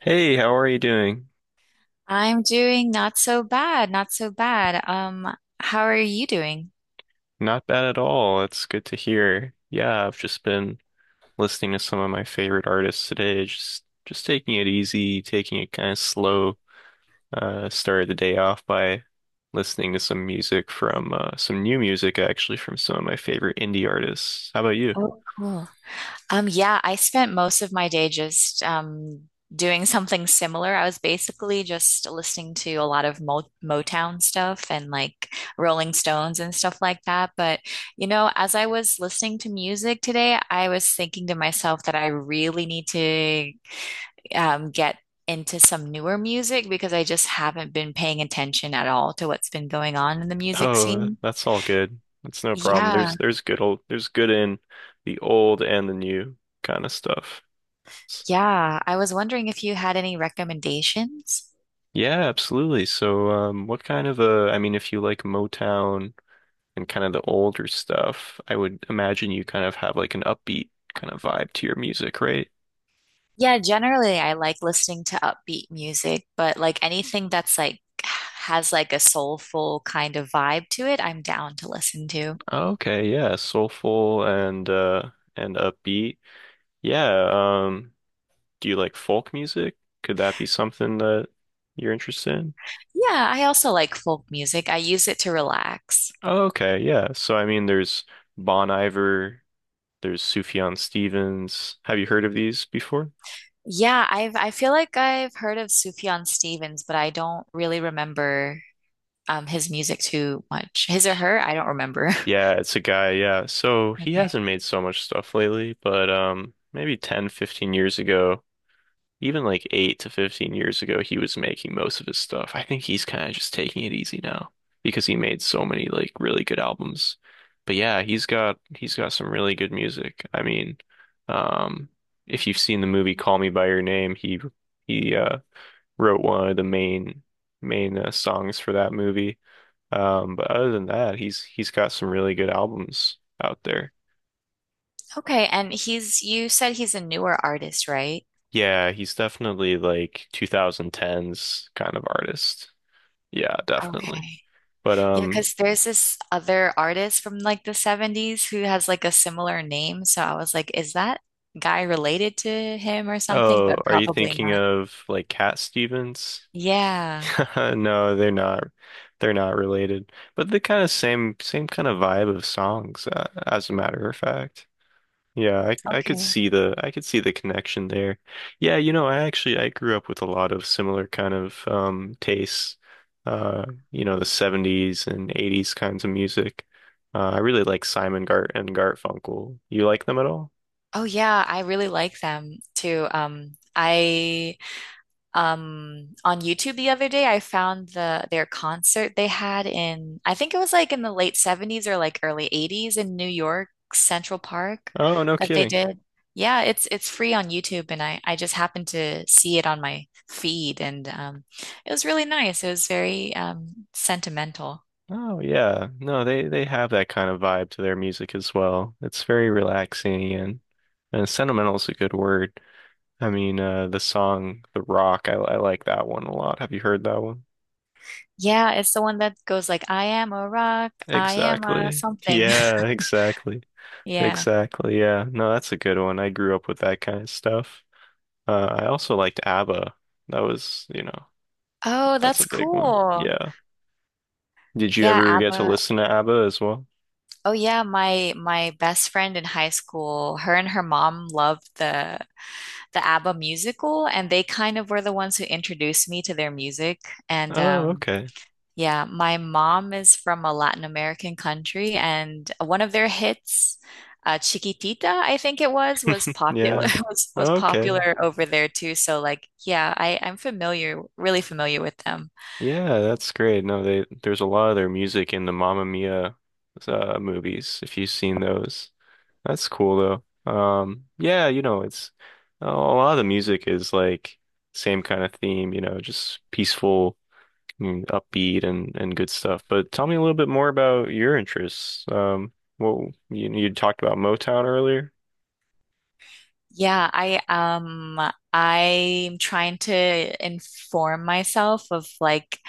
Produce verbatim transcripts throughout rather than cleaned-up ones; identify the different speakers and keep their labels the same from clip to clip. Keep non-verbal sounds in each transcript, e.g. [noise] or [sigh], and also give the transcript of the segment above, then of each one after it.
Speaker 1: Hey, how are you doing?
Speaker 2: I'm doing not so bad, not so bad. Um, how are you doing?
Speaker 1: Not bad at all. It's good to hear. Yeah, I've just been listening to some of my favorite artists today. Just just taking it easy, taking it kind of slow. Uh, started the day off by listening to some music from uh, some new music actually from some of my favorite indie artists. How about you?
Speaker 2: Oh, cool. Um, yeah, I spent most of my day just um doing [laughs] something similar. I was basically just listening to a lot of Mo Motown stuff and like Rolling Stones and stuff like that. But you know, as I was listening to music today, I was thinking to myself that I really need to um, get into some newer music because I just haven't been paying attention at all to what's been going on in the music
Speaker 1: Oh, th-
Speaker 2: scene.
Speaker 1: that's all good. That's no problem.
Speaker 2: Yeah,
Speaker 1: There's there's good old there's good in the old and the new kind of stuff.
Speaker 2: yeah. I was wondering if you had any recommendations.
Speaker 1: Yeah, absolutely. So, um, what kind of a, I mean, if you like Motown and kind of the older stuff, I would imagine you kind of have like an upbeat kind of vibe to your music, right?
Speaker 2: Yeah, generally I like listening to upbeat music, but like anything that's like has like a soulful kind of vibe to it, I'm down to listen to.
Speaker 1: Okay, yeah, soulful and uh and upbeat. Yeah, um, do you like folk music? Could that be something that you're interested in?
Speaker 2: Yeah, I also like folk music. I use it to relax.
Speaker 1: Oh, okay, yeah. So, I mean, there's Bon Iver, there's Sufjan Stevens. Have you heard of these before?
Speaker 2: Yeah, I've I feel like I've heard of Sufjan Stevens, but I don't really remember um, his music too much. His or her? I don't remember. [laughs]
Speaker 1: Yeah, it's a guy, yeah. So he
Speaker 2: Okay.
Speaker 1: hasn't made so much stuff lately, but um maybe ten, fifteen years ago, even like eight to fifteen years ago, he was making most of his stuff. I think he's kind of just taking it easy now because he made so many like really good albums. But yeah, he's got he's got some really good music. I mean, um if you've seen the movie Call Me by Your Name, he he uh wrote one of the main main uh, songs for that movie. Um, but other than that, he's he's got some really good albums out there.
Speaker 2: Okay. And he's, you said he's a newer artist, right?
Speaker 1: Yeah, he's definitely like twenty tens kind of artist. Yeah, definitely.
Speaker 2: Okay.
Speaker 1: But
Speaker 2: Yeah,
Speaker 1: um,
Speaker 2: because there's this other artist from like the seventies who has like a similar name. So I was like, is that guy related to him or something?
Speaker 1: oh,
Speaker 2: But
Speaker 1: are you
Speaker 2: probably
Speaker 1: thinking
Speaker 2: not.
Speaker 1: of like Cat Stevens?
Speaker 2: Yeah.
Speaker 1: [laughs] No, they're not. They're not related. But the kind of same same kind of vibe of songs, uh, as a matter of fact. Yeah, I I could
Speaker 2: Okay.
Speaker 1: see the I could see the connection there. Yeah, you know, I actually I grew up with a lot of similar kind of um tastes. Uh, you know, the seventies and eighties kinds of music. Uh, I really like Simon Gart and Garfunkel. You like them at all?
Speaker 2: Oh yeah, I really like them too. Um, I Um, on YouTube the other day. I found the their concert they had in I think it was like in the late seventies or like early eighties in New York Central Park
Speaker 1: Oh, no
Speaker 2: that they
Speaker 1: kidding.
Speaker 2: did. Yeah, it's it's free on YouTube, and I I just happened to see it on my feed, and um it was really nice. It was very um sentimental.
Speaker 1: Oh, yeah. No, they they have that kind of vibe to their music as well. It's very relaxing and and sentimental is a good word. I mean, uh, the song The Rock, I I like that one a lot. Have you heard that one?
Speaker 2: Yeah, it's the one that goes like I am a rock, I am a
Speaker 1: Exactly.
Speaker 2: something. [laughs]
Speaker 1: Yeah, exactly.
Speaker 2: Yeah.
Speaker 1: Exactly. Yeah. No, that's a good one. I grew up with that kind of stuff. Uh, I also liked ABBA. That was, you know,
Speaker 2: Oh,
Speaker 1: that's a
Speaker 2: that's
Speaker 1: big one.
Speaker 2: cool.
Speaker 1: Yeah. Did you
Speaker 2: Yeah,
Speaker 1: ever get to
Speaker 2: ABBA.
Speaker 1: listen to ABBA as well?
Speaker 2: Oh yeah, my my best friend in high school, her and her mom loved the the ABBA musical, and they kind of were the ones who introduced me to their music. And
Speaker 1: Oh,
Speaker 2: um,
Speaker 1: okay.
Speaker 2: yeah, my mom is from a Latin American country, and one of their hits, uh, Chiquitita, I think it was, was popular
Speaker 1: Yeah.
Speaker 2: [laughs] was was
Speaker 1: Okay.
Speaker 2: popular over there too. So like, yeah, I I'm familiar, really familiar with them.
Speaker 1: Yeah, that's great. No, they there's a lot of their music in the Mamma Mia uh movies, if you've seen those. That's cool though. Um, yeah, you know, it's a lot of the music is like same kind of theme, you know, just peaceful and upbeat and and good stuff. But tell me a little bit more about your interests. Um, well, you you talked about Motown earlier.
Speaker 2: Yeah, I um I'm trying to inform myself of like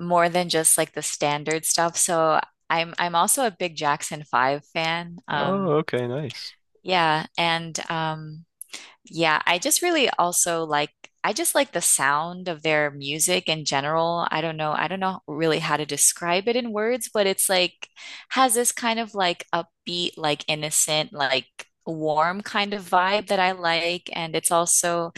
Speaker 2: more than just like the standard stuff. So I'm I'm also a big Jackson five fan.
Speaker 1: Oh,
Speaker 2: Um
Speaker 1: okay, nice.
Speaker 2: yeah, and um yeah, I just really also like I just like the sound of their music in general. I don't know, I don't know really how to describe it in words, but it's like has this kind of like upbeat, like innocent, like warm kind of vibe that I like. And it's also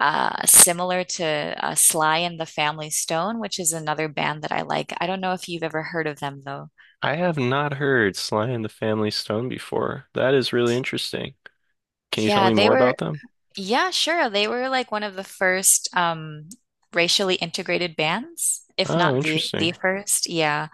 Speaker 2: uh similar to uh, Sly and the Family Stone, which is another band that I like. I don't know if you've ever heard of them though.
Speaker 1: I have not heard Sly and the Family Stone before. That is really interesting. Can you tell
Speaker 2: Yeah,
Speaker 1: me
Speaker 2: they
Speaker 1: more
Speaker 2: were
Speaker 1: about them?
Speaker 2: Yeah, sure. They were like one of the first um, racially integrated bands, if
Speaker 1: Oh,
Speaker 2: not the the
Speaker 1: interesting.
Speaker 2: first. Yeah.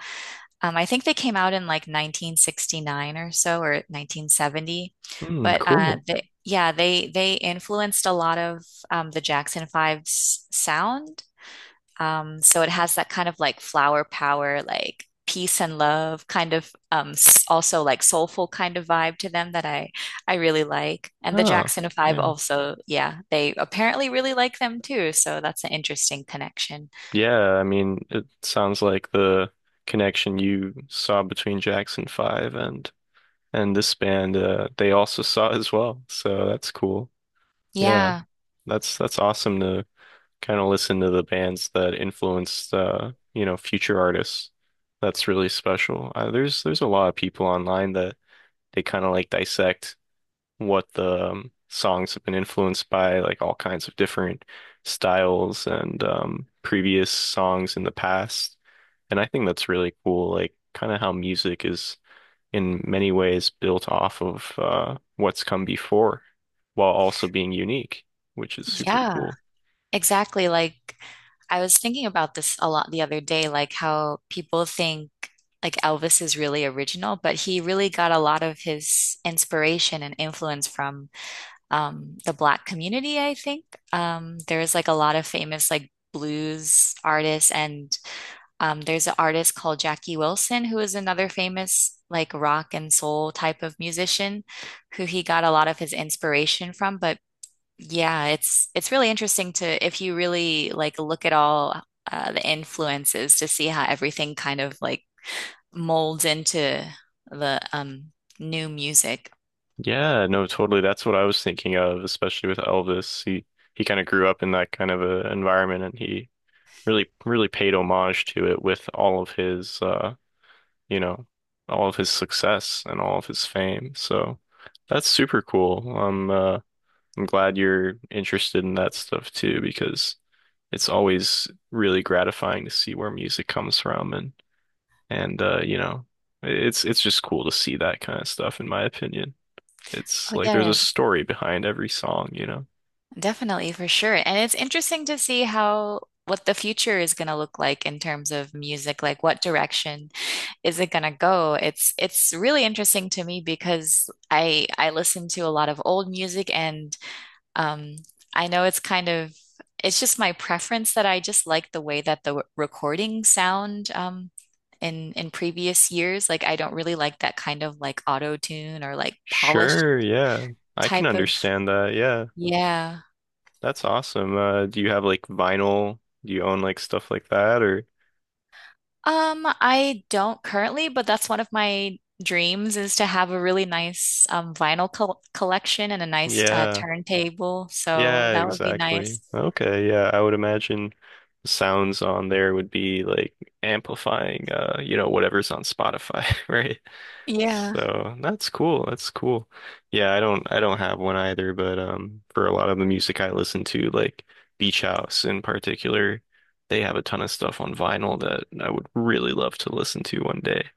Speaker 2: Um, I think they came out in like nineteen sixty-nine or so or nineteen seventy.
Speaker 1: Hmm,
Speaker 2: But uh,
Speaker 1: cool.
Speaker 2: they, yeah, they they influenced a lot of um, the Jackson Five's sound, um, so it has that kind of like flower power, like peace and love kind of um s- also like soulful kind of vibe to them that I I really like. And the
Speaker 1: Oh,
Speaker 2: Jackson five
Speaker 1: yeah.
Speaker 2: also, yeah, they apparently really like them too, so that's an interesting connection.
Speaker 1: Yeah, I mean, it sounds like the connection you saw between Jackson five and and this band, uh, they also [laughs] saw as well. So that's cool. Yeah,
Speaker 2: Yeah.
Speaker 1: that's that's awesome to kind of listen to the bands that influenced uh, you know, future artists. That's really special. Uh, there's there's a lot of people online that they kind of like dissect what the um, songs have been influenced by, like all kinds of different styles and um, previous songs in the past. And I think that's really cool, like kind of how music is in many ways built off of uh, what's come before while also being unique, which is super
Speaker 2: Yeah,
Speaker 1: cool.
Speaker 2: exactly. Like I was thinking about this a lot the other day, like how people think like Elvis is really original, but he really got a lot of his inspiration and influence from um, the Black community, I think. Um, there's like a lot of famous like blues artists, and um, there's an artist called Jackie Wilson, who is another famous like rock and soul type of musician, who he got a lot of his inspiration from. But yeah, it's it's really interesting to if you really like look at all uh, the influences to see how everything kind of like molds into the um, new music.
Speaker 1: Yeah, no, totally. That's what I was thinking of, especially with Elvis. He he kind of grew up in that kind of a environment and he really really paid homage to it with all of his uh you know, all of his success and all of his fame. So that's super cool. I'm uh, I'm glad you're interested in that stuff too, because it's always really gratifying to see where music comes from and and uh, you know, it's it's just cool to see that kind of stuff, in my opinion. It's
Speaker 2: Oh,
Speaker 1: like there's a
Speaker 2: yeah.
Speaker 1: story behind every song, you know.
Speaker 2: Definitely, for sure. And it's interesting to see how what the future is going to look like in terms of music, like what direction is it going to go? It's it's really interesting to me because I I listen to a lot of old music, and um I know it's kind of it's just my preference that I just like the way that the w- recording sound um in in previous years. Like I don't really like that kind of like auto tune or like polished
Speaker 1: Sure, yeah. I can
Speaker 2: type of
Speaker 1: understand that. Yeah.
Speaker 2: yeah.
Speaker 1: That's awesome. Uh, do you have like vinyl? Do you own like stuff like that or
Speaker 2: Um, I don't currently, but that's one of my dreams is to have a really nice um, vinyl col collection and a nice uh,
Speaker 1: yeah.
Speaker 2: turntable. So
Speaker 1: Yeah,
Speaker 2: that would be nice.
Speaker 1: exactly. Okay, yeah, I would imagine the sounds on there would be like amplifying uh, you know, whatever's on Spotify, [laughs] right?
Speaker 2: Yeah.
Speaker 1: So that's cool. That's cool. Yeah, I don't I don't have one either, but um for a lot of the music I listen to, like Beach House in particular, they have a ton of stuff on vinyl that I would really love to listen to one day.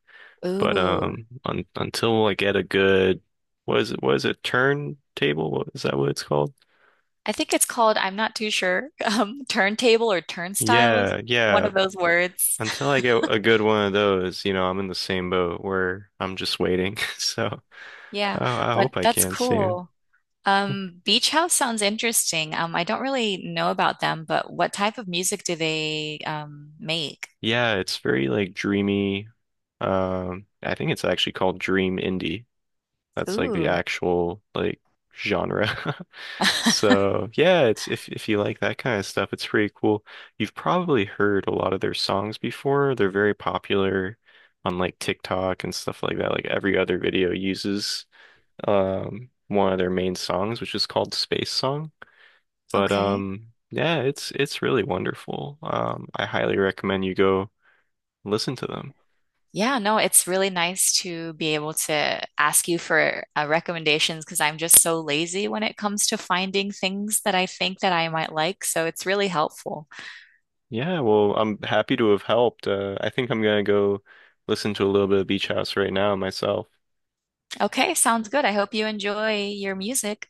Speaker 1: But
Speaker 2: Ooh.
Speaker 1: um un until I get a good what is it what is it turntable? What is that what it's called?
Speaker 2: I think it's called, I'm not too sure, [laughs] um, turntable or turnstiles,
Speaker 1: Yeah,
Speaker 2: one
Speaker 1: yeah.
Speaker 2: of those words. [laughs]
Speaker 1: Until I get a good one of those, you know, I'm in the same boat where I'm just waiting. [laughs] So,
Speaker 2: Yeah,
Speaker 1: I I
Speaker 2: but
Speaker 1: hope I
Speaker 2: that's
Speaker 1: can soon.
Speaker 2: cool. Um, Beach House sounds interesting. Um, I don't really know about them, but what type of music do they um make?
Speaker 1: Yeah, it's very like dreamy. Um, I think it's actually called dream indie. That's like the
Speaker 2: Ooh.
Speaker 1: actual like genre. [laughs]
Speaker 2: [laughs]
Speaker 1: So, yeah, it's if if you like that kind of stuff, it's pretty cool. You've probably heard a lot of their songs before. They're very popular on like TikTok and stuff like that. Like every other video uses um one of their main songs, which is called Space Song. But
Speaker 2: Okay.
Speaker 1: um yeah, it's it's really wonderful. Um I highly recommend you go listen to them.
Speaker 2: Yeah, no, it's really nice to be able to ask you for uh, recommendations because I'm just so lazy when it comes to finding things that I think that I might like. So it's really helpful.
Speaker 1: Yeah, well, I'm happy to have helped. Uh, I think I'm gonna go listen to a little bit of Beach House right now myself.
Speaker 2: Okay, sounds good. I hope you enjoy your music.